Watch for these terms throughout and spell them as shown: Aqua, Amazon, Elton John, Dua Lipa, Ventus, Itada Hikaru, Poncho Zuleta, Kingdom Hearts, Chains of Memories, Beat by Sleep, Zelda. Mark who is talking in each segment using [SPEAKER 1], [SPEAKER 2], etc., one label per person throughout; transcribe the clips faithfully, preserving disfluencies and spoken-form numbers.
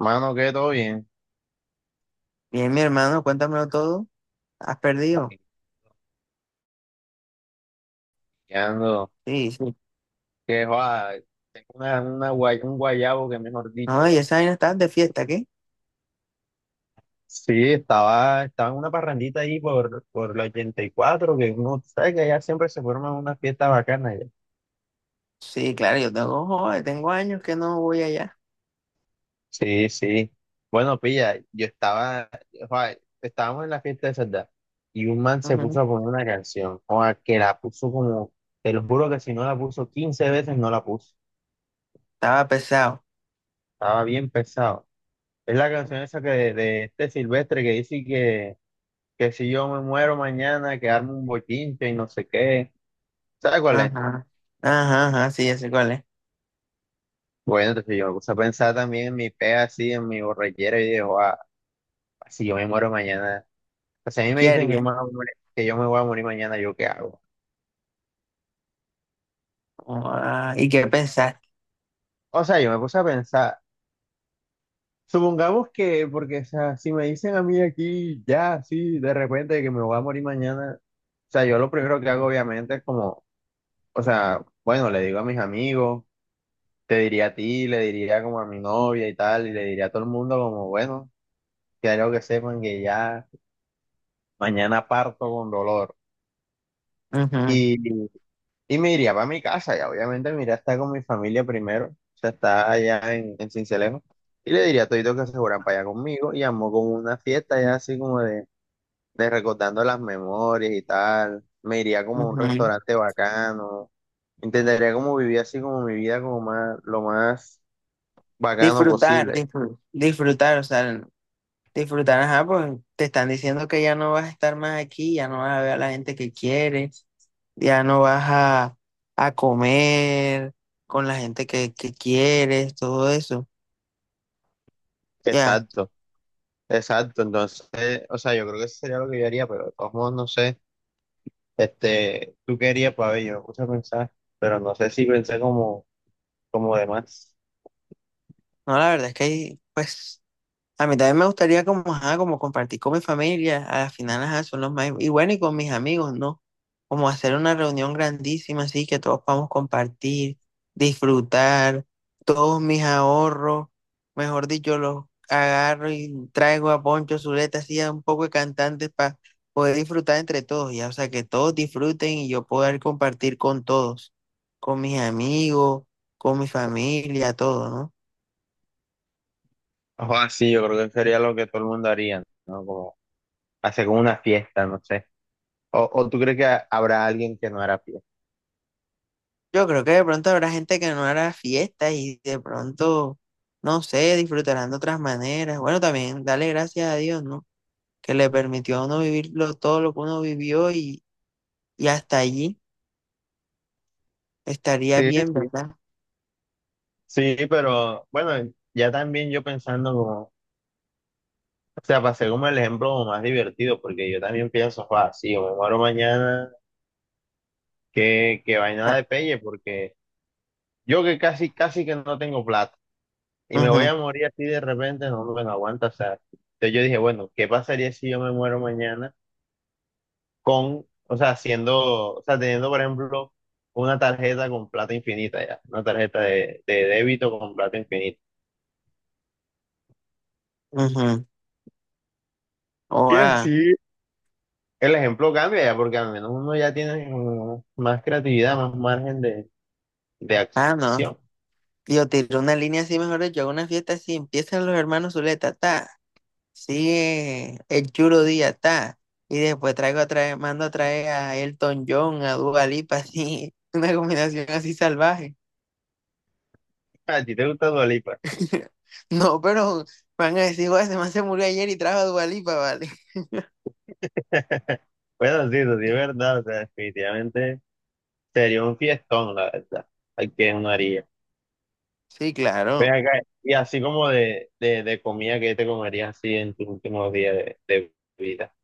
[SPEAKER 1] Mano, que todo bien.
[SPEAKER 2] Bien, mi hermano, cuéntamelo todo. ¿Has perdido?
[SPEAKER 1] Ay, Ando,
[SPEAKER 2] Sí, sí.
[SPEAKER 1] que va, tengo una, una guay- un guayabo que mejor dicho.
[SPEAKER 2] No, y
[SPEAKER 1] Va.
[SPEAKER 2] esa vaina estás de fiesta, ¿qué?
[SPEAKER 1] Sí, estaba, estaba en una parrandita ahí por, por la ochenta y cuatro que uno sabe que allá siempre se forman unas fiestas bacanas, ya.
[SPEAKER 2] Sí, claro, yo tengo, joder, tengo años que no voy allá.
[SPEAKER 1] Sí, sí. Bueno, pilla, yo estaba, joa, estábamos en la fiesta de Sardá y un man se
[SPEAKER 2] Ujú.
[SPEAKER 1] puso a poner una canción, joa, que la puso como, te lo juro que si no la puso quince veces, no la puso.
[SPEAKER 2] Estaba pesado.
[SPEAKER 1] Estaba bien pesado. Es la canción esa que de, de este Silvestre que dice que, que si yo me muero mañana, que armo un bochinche y no sé qué. ¿Sabes cuál es?
[SPEAKER 2] Ajá. Ajá, ajá, sí, ya sé cuál es.
[SPEAKER 1] Bueno, entonces yo me puse a pensar también en mi pega así, en mi borrachera y digo, ah, si yo me muero mañana. O sea, a mí me
[SPEAKER 2] ¿Qué
[SPEAKER 1] dicen que, yo
[SPEAKER 2] haría?
[SPEAKER 1] me voy a morir- que yo me voy a morir mañana, ¿yo qué hago?
[SPEAKER 2] Ah, ¿y qué pensaste?
[SPEAKER 1] O sea, yo me puse a pensar, supongamos que, porque, o sea, si me dicen a mí aquí, ya, sí, de repente que me voy a morir mañana, o sea, yo lo primero que hago obviamente es como, o sea, bueno, le digo a mis amigos, te diría a ti, le diría como a mi novia y tal, y le diría a todo el mundo como, bueno, quiero que sepan que ya mañana parto con dolor.
[SPEAKER 2] Ujú,
[SPEAKER 1] Y, y me iría para mi casa, y obviamente me iría a estar con mi familia primero, o sea, está allá en, en Sincelejo, y le diría a todito que se fueran para allá conmigo, y armó como una fiesta ya así como de, de recordando las memorias y tal, me iría como a un
[SPEAKER 2] ujú.
[SPEAKER 1] restaurante bacano, intentaría como vivir así como mi vida como más, lo más bacano
[SPEAKER 2] Disfrutar,
[SPEAKER 1] posible,
[SPEAKER 2] disfrutar, disfrutar, o sea, disfrutar, ajá, pues te están diciendo que ya no vas a estar más aquí, ya no vas a ver a la gente que quieres. Ya no vas a, a comer con la gente que, que quieres, todo eso. Ya,
[SPEAKER 1] exacto. Exacto, entonces, o sea, yo creo que eso sería lo que yo haría, pero de todos modos, no sé, este, tú querías, para ver, yo me puse a pensar, pero no sé si pensé como, como demás.
[SPEAKER 2] no, la verdad es que, ahí pues, a mí también me gustaría como, ajá, como compartir con mi familia, a las final, ajá, son los más, y bueno, y con mis amigos, ¿no? Como hacer una reunión grandísima, así que todos podamos compartir, disfrutar, todos mis ahorros, mejor dicho, los agarro y traigo a Poncho Zuleta, así a un poco de cantantes para poder disfrutar entre todos, ya, o sea, que todos disfruten y yo poder compartir con todos, con mis amigos, con mi familia, todo, ¿no?
[SPEAKER 1] O sí, yo creo que sería lo que todo el mundo haría, ¿no? Como hacer como una fiesta, no sé. O, o tú crees que ha- habrá alguien que no hará fiesta.
[SPEAKER 2] Yo creo que de pronto habrá gente que no hará fiestas y de pronto, no sé, disfrutarán de otras maneras. Bueno, también dale gracias a Dios, ¿no? Que le permitió a uno vivir lo- todo lo que uno vivió y, y hasta allí estaría
[SPEAKER 1] Sí,
[SPEAKER 2] bien,
[SPEAKER 1] sí.
[SPEAKER 2] ¿verdad?
[SPEAKER 1] Sí, pero bueno, ya también yo pensando como, o sea, pasé como el ejemplo como más divertido, porque yo también pienso, ah, sí, o me muero mañana, que, que vaina
[SPEAKER 2] Ah,
[SPEAKER 1] de pelle, porque yo que casi, casi que no tengo plata y me voy
[SPEAKER 2] ujú,
[SPEAKER 1] a morir así de repente, no me lo aguanta. O sea, entonces yo dije, bueno, ¿qué pasaría si yo me muero mañana con, o sea, siendo, o sea, teniendo, por ejemplo, una tarjeta con plata infinita ya, una tarjeta de, de débito con plata infinita?
[SPEAKER 2] ujú. Oh,
[SPEAKER 1] Y
[SPEAKER 2] ah,
[SPEAKER 1] así el ejemplo cambia ya, porque al menos uno ya tiene como más creatividad, más margen de, de
[SPEAKER 2] ah, no.
[SPEAKER 1] acción.
[SPEAKER 2] Yo tiré una línea así, mejor dicho, hago una fiesta así, empiezan los hermanos Zuleta, ta. Sí, el chulo día está. Y después traigo a traer, mando a traer a Elton John, a Dua Lipa, así, una combinación así salvaje.
[SPEAKER 1] A ti te gusta Dua Lipa.
[SPEAKER 2] No, pero van a decir, "Joder, ese man se murió ayer y trajo a Dua Lipa", ¿vale?
[SPEAKER 1] Bueno, sí, eso sí es verdad, o sea, definitivamente. Sería un fiestón, la verdad. Hay que uno haría.
[SPEAKER 2] Sí,
[SPEAKER 1] Ven
[SPEAKER 2] claro.
[SPEAKER 1] acá, y así como de, de, de comida que te comerías así en tus últimos días de, de vida.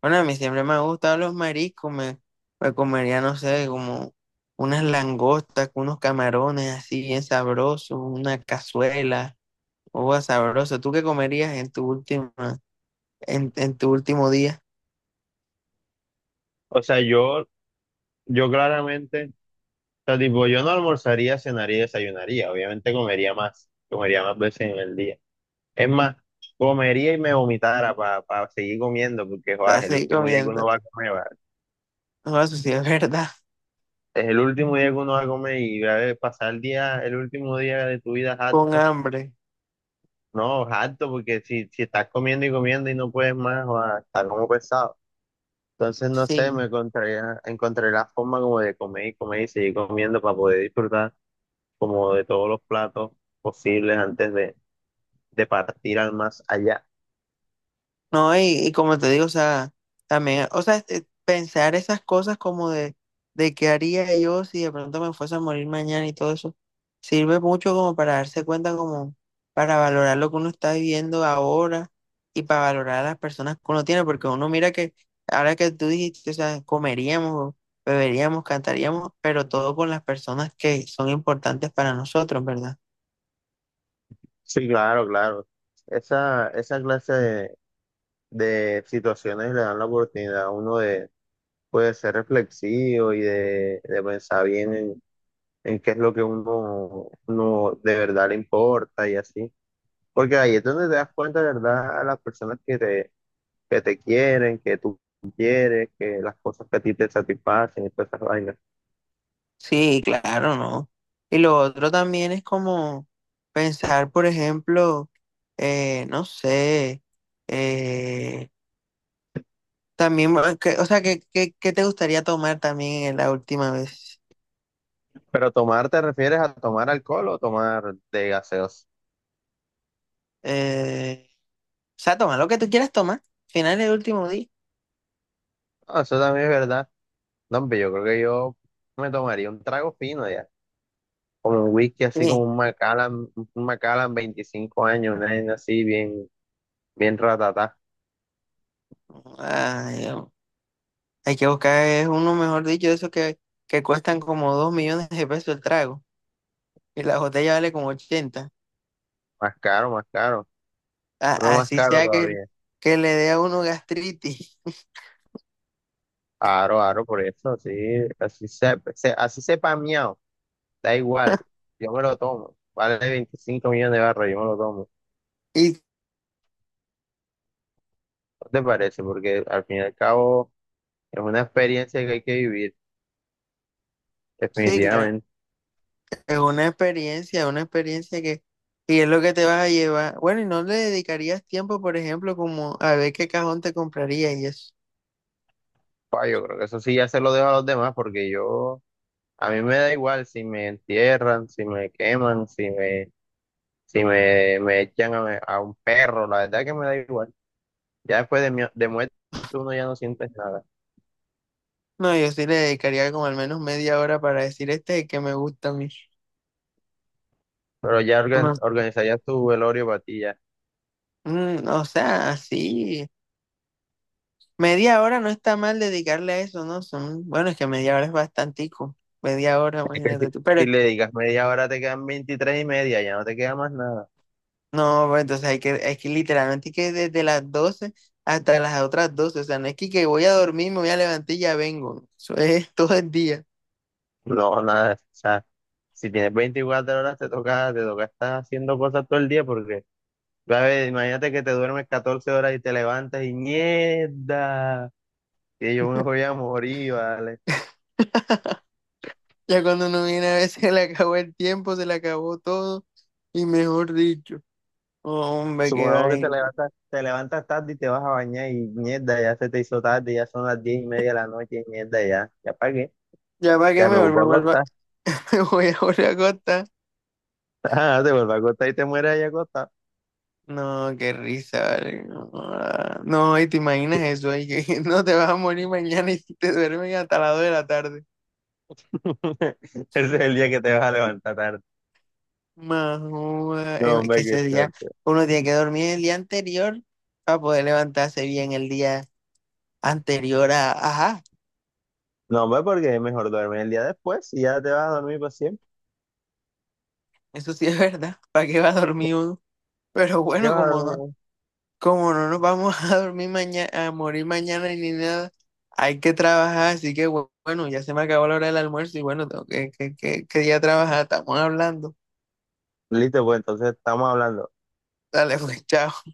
[SPEAKER 2] Bueno, a mí siempre me han gustado los mariscos, me, me comería, no sé, como unas langostas, con unos camarones así bien sabrosos, una cazuela, uva sabrosa. ¿Tú qué comerías en tu última, en, en tu último día?
[SPEAKER 1] O sea, yo, yo claramente, o sea, tipo, yo no almorzaría, cenaría y desayunaría. Obviamente comería más, comería más veces en el día. Es más, comería y me vomitara para seguir comiendo, porque
[SPEAKER 2] Para
[SPEAKER 1] joder, es el
[SPEAKER 2] seguir
[SPEAKER 1] último día que uno
[SPEAKER 2] comiendo.
[SPEAKER 1] va a comer, va.
[SPEAKER 2] No, eso sí es verdad.
[SPEAKER 1] Es el último día que uno va a comer y a ver, pasar el día, el último día de tu vida
[SPEAKER 2] Con
[SPEAKER 1] harto.
[SPEAKER 2] hambre.
[SPEAKER 1] No, harto, porque si, si estás comiendo y comiendo y no puedes más, va, está como pesado. Entonces, no sé,
[SPEAKER 2] Sí.
[SPEAKER 1] me encontré, encontré la forma como de comer y comer y seguir comiendo para poder disfrutar como de todos los platos posibles antes de, de partir al más allá.
[SPEAKER 2] No, y, y como te digo, o sea, también, o sea, este, pensar esas cosas como de, de qué haría yo si de pronto me fuese a morir mañana y todo eso, sirve mucho como para darse cuenta, como para valorar lo que uno está viviendo ahora y para valorar a las personas que uno tiene, porque uno mira que ahora que tú dijiste, o sea, comeríamos, beberíamos, cantaríamos, pero todo con las personas que son importantes para nosotros, ¿verdad?
[SPEAKER 1] Sí, claro, claro. Esa, esa clase de, de situaciones le dan la oportunidad a uno de, pues, de, ser reflexivo y de, de pensar bien en, en qué es lo que uno, uno de verdad le importa y así. Porque ahí es donde te das cuenta, de ¿verdad? A las personas que te, que te quieren, que tú quieres, que las cosas que a ti te satisfacen y todas esas vainas.
[SPEAKER 2] Sí, claro, ¿no? Y lo otro también es como pensar, por ejemplo, eh, no sé, eh, también, bueno, que- o sea, ¿qué, qué, qué te gustaría tomar también en la última vez?
[SPEAKER 1] Pero tomar, ¿te refieres a tomar alcohol o tomar de gaseosa?
[SPEAKER 2] Eh, o sea, toma lo que tú quieras tomar, final del último día.
[SPEAKER 1] Ah, eso también es verdad. No, hombre, yo creo que yo me tomaría un trago fino ya. Como un whisky, así como
[SPEAKER 2] Sí.
[SPEAKER 1] un Macallan, un Macallan veinticinco años, una vaina así bien, bien ratatá.
[SPEAKER 2] Ay, Dios. Hay que buscar es uno, mejor dicho, de esos que, que cuestan como dos millones de pesos el trago y la botella vale como ochenta.
[SPEAKER 1] Más caro, más caro. No
[SPEAKER 2] A-
[SPEAKER 1] más
[SPEAKER 2] así
[SPEAKER 1] caro
[SPEAKER 2] sea que,
[SPEAKER 1] todavía.
[SPEAKER 2] que le dé a uno gastritis.
[SPEAKER 1] Aro, aro, por eso, así, así se, se- así sepa miau. Da igual, yo me lo tomo. Vale veinticinco millones de barras, yo me lo tomo.
[SPEAKER 2] Y
[SPEAKER 1] ¿No te parece? Porque al fin y al cabo es una experiencia que hay que vivir,
[SPEAKER 2] sí, claro,
[SPEAKER 1] definitivamente.
[SPEAKER 2] es una experiencia, una experiencia que, y es lo que te vas a llevar. Bueno, y no le dedicarías tiempo, por ejemplo, como a ver qué cajón te compraría y eso.
[SPEAKER 1] Pa, yo creo que eso sí ya se lo dejo a los demás, porque yo, a mí me da igual si me entierran, si me queman, si me, si me, me echan a, a un perro, la verdad que me da igual. Ya después de, mi, de muerte uno ya no sientes nada.
[SPEAKER 2] No, yo sí le dedicaría como al menos media hora para decir este es el que me gusta a mí.
[SPEAKER 1] Pero ya orga-
[SPEAKER 2] No,
[SPEAKER 1] organizarías tu velorio para ti ya.
[SPEAKER 2] mm, o sea, así, media hora no está mal dedicarle a eso, ¿no? Son, bueno, es que media hora es bastantico, media hora,
[SPEAKER 1] Si
[SPEAKER 2] imagínate tú, pero
[SPEAKER 1] si le digas media hora te quedan veintitrés y media, ya no te queda más nada.
[SPEAKER 2] no, pues, entonces hay que, es que literalmente hay que desde las doce hasta las otras doce. O sea, no es que, que voy a dormir, me voy a levantar y ya vengo. Eso es todo el día.
[SPEAKER 1] No, nada, o sea, si tienes veinticuatro horas te toca, te toca estar haciendo cosas todo el día porque, a ver, imagínate que te duermes catorce horas y te levantas y mierda, que yo me voy a morir, ¿vale?
[SPEAKER 2] Ya cuando uno viene a veces se le acabó el tiempo, se le acabó todo. Y mejor dicho, hombre, qué
[SPEAKER 1] Supongamos que te
[SPEAKER 2] vaina.
[SPEAKER 1] levantas, te levantas tarde y te vas a bañar y mierda, ya se te hizo tarde, ya son las diez y media de la noche y mierda, ya, ya pagué,
[SPEAKER 2] Ya para qué,
[SPEAKER 1] ya me
[SPEAKER 2] mejor me
[SPEAKER 1] vuelvo a
[SPEAKER 2] vuelvo a-
[SPEAKER 1] acostar,
[SPEAKER 2] Me voy a volver a acostar.
[SPEAKER 1] ah, te vuelvo a acostar y te mueres ahí acostado.
[SPEAKER 2] No, qué risa, vale. No, ah, no, y te imaginas eso, ahí que no te vas a morir mañana y te duermes hasta las dos de la tarde.
[SPEAKER 1] Ese es el día que te vas a levantar tarde.
[SPEAKER 2] Más, joda,
[SPEAKER 1] No,
[SPEAKER 2] es que
[SPEAKER 1] hombre, que
[SPEAKER 2] ese día uno tiene que dormir el día anterior para poder levantarse bien el día anterior a, ajá,
[SPEAKER 1] No, hombre, porque es mejor duerme el día después y ya te vas a dormir para siempre.
[SPEAKER 2] eso sí es verdad. ¿Para qué va a dormir uno? Pero
[SPEAKER 1] ¿Para qué
[SPEAKER 2] bueno,
[SPEAKER 1] vas a
[SPEAKER 2] como no,
[SPEAKER 1] dormir?
[SPEAKER 2] como no nos vamos a dormir mañana, a morir mañana ni nada, hay que trabajar, así que bu- bueno, ya se me acabó la hora del almuerzo y bueno, tengo que, que, que, que día trabajar, estamos hablando.
[SPEAKER 1] Listo, pues entonces estamos hablando.
[SPEAKER 2] Dale, pues, chao.